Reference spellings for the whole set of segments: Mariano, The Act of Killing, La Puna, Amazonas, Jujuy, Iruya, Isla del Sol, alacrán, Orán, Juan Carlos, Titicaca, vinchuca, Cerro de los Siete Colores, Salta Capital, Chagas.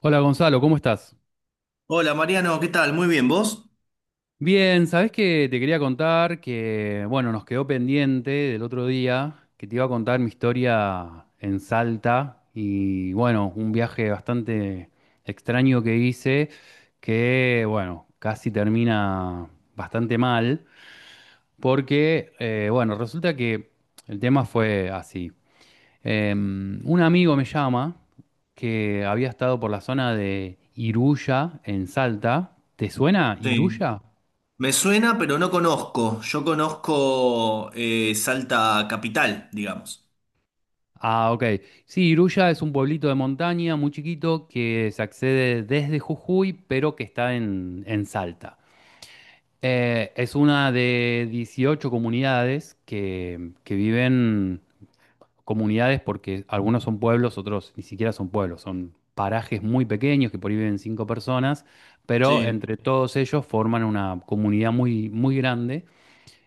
Hola Gonzalo, ¿cómo estás? Hola Mariano, ¿qué tal? Muy bien, ¿vos? Bien, ¿sabés que te quería contar que, bueno, nos quedó pendiente del otro día que te iba a contar mi historia en Salta y, bueno, un viaje bastante extraño que hice que, bueno, casi termina bastante mal porque, bueno, resulta que el tema fue así. Un amigo me llama que había estado por la zona de Iruya, en Salta. ¿Te suena Sí, Iruya? me suena, pero no conozco. Yo conozco Salta Capital, digamos. Ah, ok. Sí, Iruya es un pueblito de montaña muy chiquito que se accede desde Jujuy, pero que está en Salta. Es una de 18 comunidades que viven comunidades porque algunos son pueblos, otros ni siquiera son pueblos, son parajes muy pequeños que por ahí viven cinco personas, pero Sí. entre todos ellos forman una comunidad muy, muy grande,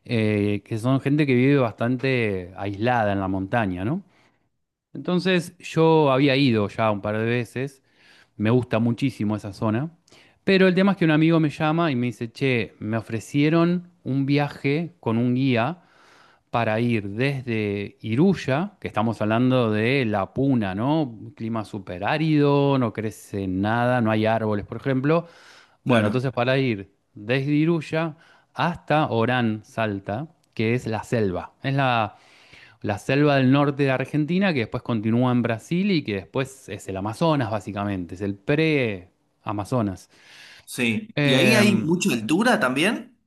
que son gente que vive bastante aislada en la montaña, ¿no? Entonces yo había ido ya un par de veces, me gusta muchísimo esa zona, pero el tema es que un amigo me llama y me dice, che, me ofrecieron un viaje con un guía para ir desde Iruya, que estamos hablando de La Puna, ¿no? Un clima súper árido, no crece nada, no hay árboles, por ejemplo. Bueno, Claro, entonces para ir desde Iruya hasta Orán, Salta, que es la selva. Es la selva del norte de Argentina que después continúa en Brasil y que después es el Amazonas, básicamente, es el pre-Amazonas. sí. ¿Y ahí hay Em, mucha altura también?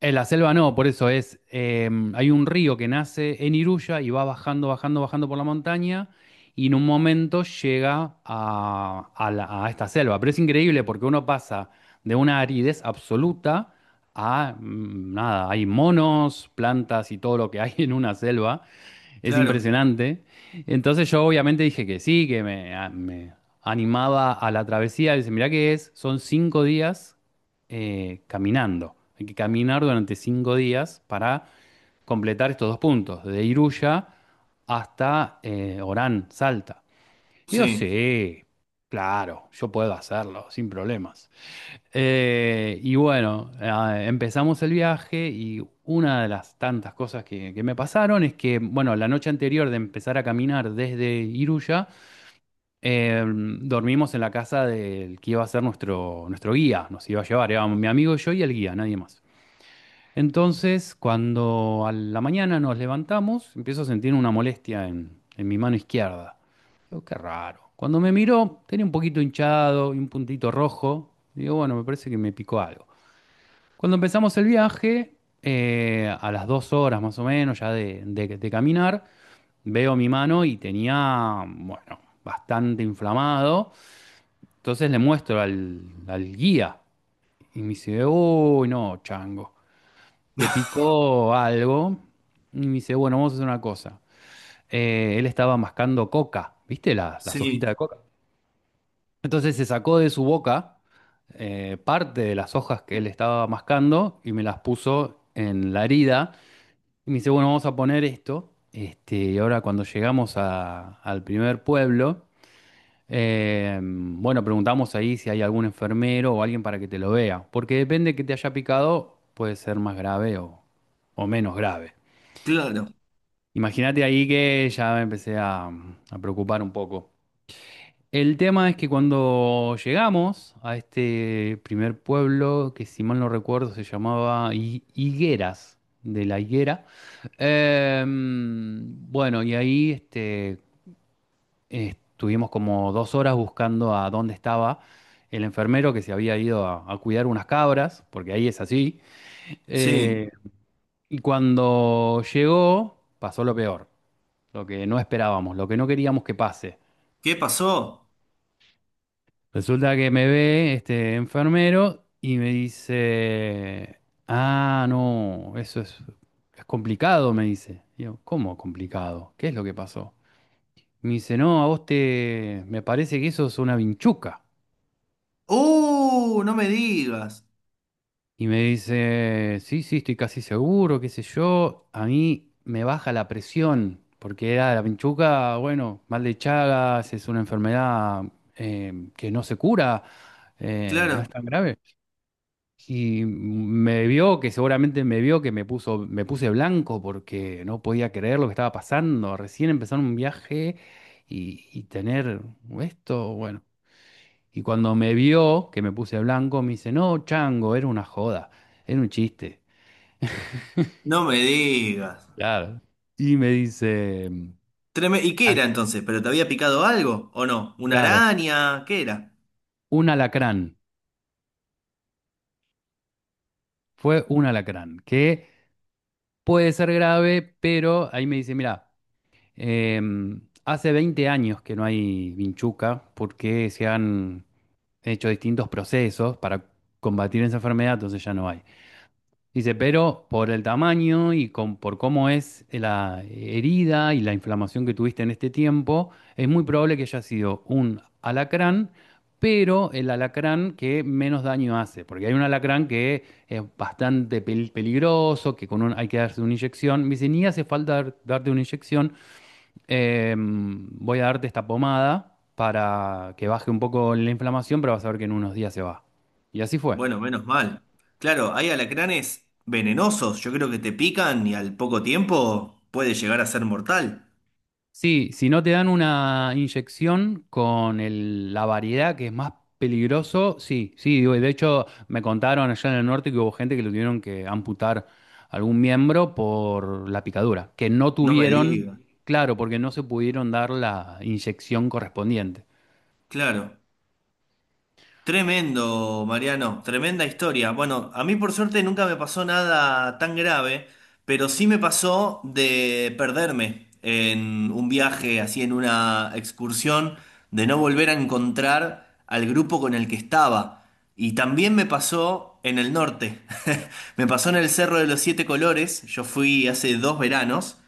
En la selva no, por eso es, hay un río que nace en Iruya y va bajando, bajando, bajando por la montaña y en un momento llega a esta selva. Pero es increíble porque uno pasa de una aridez absoluta a nada, hay monos, plantas y todo lo que hay en una selva es Claro, impresionante. Entonces yo obviamente dije que sí, que me animaba a la travesía. Dice, mirá que es, son cinco días caminando. Hay que caminar durante cinco días para completar estos dos puntos, de Iruya hasta Orán, Salta. Y yo, sí, sí, claro, yo puedo hacerlo, sin problemas. Y bueno, empezamos el viaje y una de las tantas cosas que me pasaron es que, bueno, la noche anterior de empezar a caminar desde Iruya, dormimos en la casa del que iba a ser nuestro guía, nos iba a llevar, éramos mi amigo y yo y el guía, nadie más. Entonces, cuando a la mañana nos levantamos, empiezo a sentir una molestia en mi mano izquierda. Digo, qué raro. Cuando me miró, tenía un poquito hinchado y un puntito rojo. Digo, bueno, me parece que me picó algo. Cuando empezamos el viaje, a las dos horas más o menos ya de caminar, veo mi mano y tenía, bueno, bastante inflamado. Entonces le muestro al guía y me dice, uy, no, chango, te picó algo. Y me dice, bueno, vamos a hacer una cosa. Él estaba mascando coca, ¿viste? Las hojitas sí, de coca. Entonces se sacó de su boca parte de las hojas que él estaba mascando y me las puso en la herida. Y me dice, bueno, vamos a poner esto. Este, y ahora cuando llegamos al primer pueblo, bueno, preguntamos ahí si hay algún enfermero o alguien para que te lo vea. Porque depende que te haya picado, puede ser más grave o menos grave. claro, Imagínate ahí que ya me empecé a preocupar un poco. El tema es que cuando llegamos a este primer pueblo, que si mal no recuerdo se llamaba Higueras, de la Higuera, bueno, y ahí estuvimos como dos horas buscando a dónde estaba el enfermero que se había ido a cuidar unas cabras, porque ahí es así. sí. Eh, y cuando llegó, pasó lo peor, lo que no esperábamos, lo que no queríamos que pase. ¿Qué pasó? Resulta que me ve este enfermero y me dice, ah, no, eso es complicado, me dice. Y yo, ¿cómo complicado? ¿Qué es lo que pasó? Me dice, no, a vos me parece que eso es una vinchuca. ¡Uh! No me digas. Y me dice, sí, sí, estoy casi seguro, qué sé yo, a mí me baja la presión, porque era la vinchuca, bueno, mal de Chagas, es una enfermedad que no se cura, no es Claro, tan grave. Y me vio, que seguramente me vio, que me puso, me puse blanco porque no podía creer lo que estaba pasando. Recién empezar un viaje y tener esto, bueno. Y cuando me vio, que me puse blanco, me dice, no, chango, era una joda, era un chiste. no me digas. Claro. Y me dice, ¿Y qué ah, era entonces? ¿Pero te había picado algo o no? ¿Una claro, araña? ¿Qué era? un alacrán, fue un alacrán, que puede ser grave, pero ahí me dice, mira. Hace 20 años que no hay vinchuca porque se han hecho distintos procesos para combatir esa enfermedad, entonces ya no hay. Dice, pero por el tamaño y por cómo es la herida y la inflamación que tuviste en este tiempo, es muy probable que haya sido un alacrán, pero el alacrán que menos daño hace, porque hay un alacrán que es bastante peligroso, que con hay que darse una inyección. Me dice, ni hace falta darte una inyección. Voy a darte esta pomada para que baje un poco la inflamación, pero vas a ver que en unos días se va. Y así fue. Bueno, menos mal. Claro, hay alacranes venenosos. Yo creo que te pican y al poco tiempo puede llegar a ser mortal. Sí, si no te dan una inyección con la variedad que es más peligroso, sí, sí, digo, y de hecho me contaron allá en el norte que hubo gente que le tuvieron que amputar algún miembro por la picadura, que no No me tuvieron, digas. claro, porque no se pudieron dar la inyección correspondiente. Claro. Tremendo, Mariano. Tremenda historia. Bueno, a mí por suerte nunca me pasó nada tan grave, pero sí me pasó de perderme en un viaje, así en una excursión, de no volver a encontrar al grupo con el que estaba. Y también me pasó en el norte. Me pasó en el Cerro de los Siete Colores, yo fui hace dos veranos,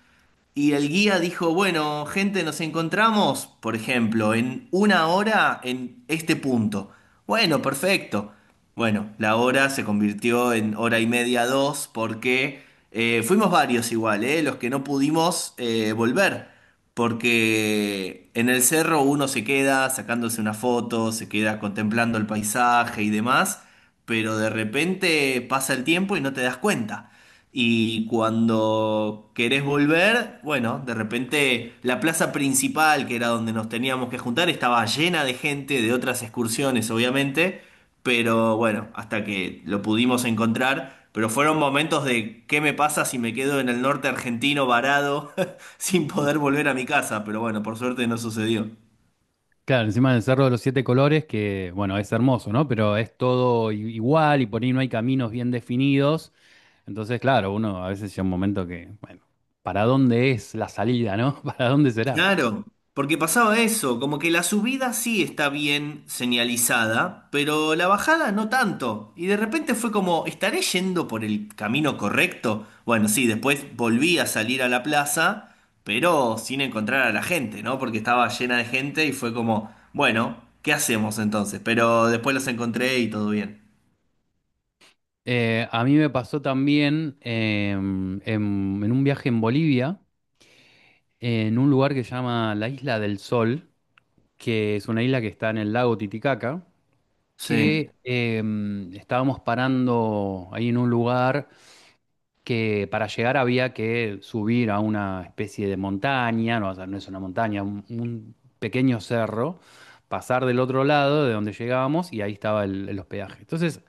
y el guía dijo, bueno, gente, nos encontramos, por ejemplo, en una hora en este punto. Bueno, perfecto. Bueno, la hora se convirtió en hora y media, dos, porque fuimos varios igual, los que no pudimos volver, porque en el cerro uno se queda sacándose una foto, se queda contemplando el paisaje y demás, pero de repente pasa el tiempo y no te das cuenta. Y cuando querés volver, bueno, de repente la plaza principal, que era donde nos teníamos que juntar, estaba llena de gente de otras excursiones, obviamente, pero bueno, hasta que lo pudimos encontrar. Pero fueron momentos de qué me pasa si me quedo en el norte argentino varado sin poder volver a mi casa. Pero bueno, por suerte no sucedió. Claro, encima del Cerro de los Siete Colores, que bueno, es hermoso, ¿no? Pero es todo igual y por ahí no hay caminos bien definidos. Entonces, claro, uno a veces llega un momento que, bueno, ¿para dónde es la salida?, ¿no? ¿Para dónde será? Claro, porque pasaba eso, como que la subida sí está bien señalizada, pero la bajada no tanto. Y de repente fue como, ¿estaré yendo por el camino correcto? Bueno, sí, después volví a salir a la plaza, pero sin encontrar a la gente, ¿no? Porque estaba llena de gente y fue como, bueno, ¿qué hacemos entonces? Pero después los encontré y todo bien. A mí me pasó también en un viaje en Bolivia, en un lugar que se llama la Isla del Sol, que es una isla que está en el lago Titicaca, Sí, que estábamos parando ahí en un lugar, que para llegar había que subir a una especie de montaña, no, o sea, no es una montaña, un pequeño cerro, pasar del otro lado de donde llegábamos y ahí estaba el hospedaje. Entonces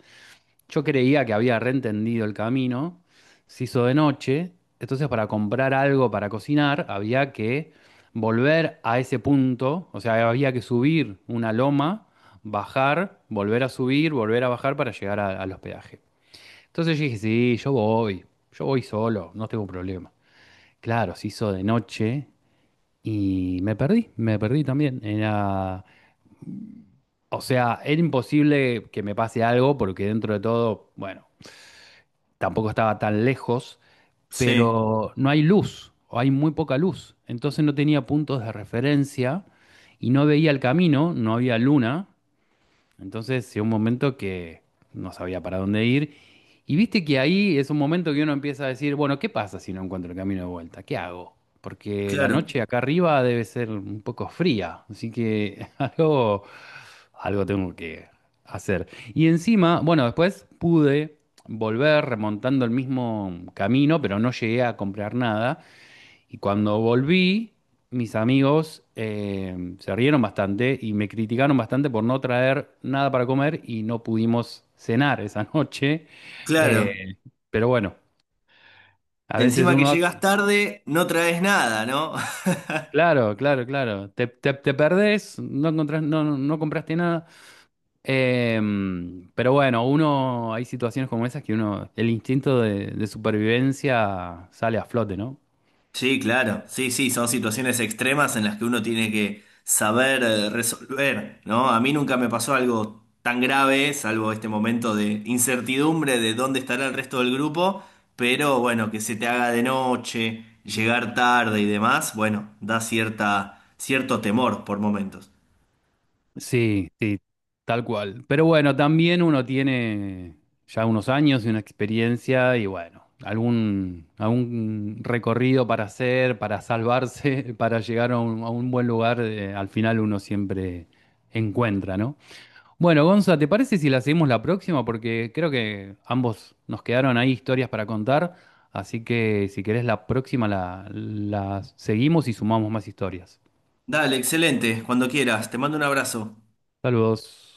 yo creía que había reentendido el camino, se hizo de noche, entonces para comprar algo para cocinar había que volver a ese punto, o sea, había que subir una loma, bajar, volver a subir, volver a bajar para llegar al hospedaje. Entonces yo dije, sí, yo voy solo, no tengo problema. Claro, se hizo de noche y me perdí también. Era, o sea, era imposible que me pase algo porque dentro de todo, bueno, tampoco estaba tan lejos, sí, pero no hay luz, o hay muy poca luz. Entonces no tenía puntos de referencia y no veía el camino, no había luna. Entonces llegó un momento que no sabía para dónde ir. Y viste que ahí es un momento que uno empieza a decir, bueno, ¿qué pasa si no encuentro el camino de vuelta? ¿Qué hago? Porque la claro, noche acá arriba debe ser un poco fría, así que algo tengo que hacer. Y encima, bueno, después pude volver remontando el mismo camino, pero no llegué a comprar nada. Y cuando volví, mis amigos se rieron bastante y me criticaron bastante por no traer nada para comer y no pudimos cenar esa noche. claro. Eh, pero bueno, a veces Encima que uno hace. llegas tarde, no traes nada, ¿no? Claro, claro, claro. Te perdés, no compraste nada. Pero bueno, uno, hay situaciones como esas que uno, el instinto de supervivencia sale a flote, ¿no? Sí, claro, sí, sí, son situaciones extremas en las que uno tiene que saber resolver, ¿no? A mí nunca me pasó algo tan grave, salvo este momento de incertidumbre de dónde estará el resto del grupo, pero bueno, que se te haga de noche, llegar tarde y demás, bueno, da cierta, cierto temor por momentos. Sí, sí, tal cual. Pero bueno, también uno tiene ya unos años y una experiencia y bueno, algún recorrido para hacer, para salvarse, para llegar a un buen lugar, al final uno siempre encuentra, ¿no? Bueno, Gonza, ¿te parece si la seguimos la próxima? Porque creo que ambos nos quedaron ahí historias para contar, así que si querés la próxima la seguimos y sumamos más historias. Dale, excelente, cuando quieras, te mando un abrazo. Saludos.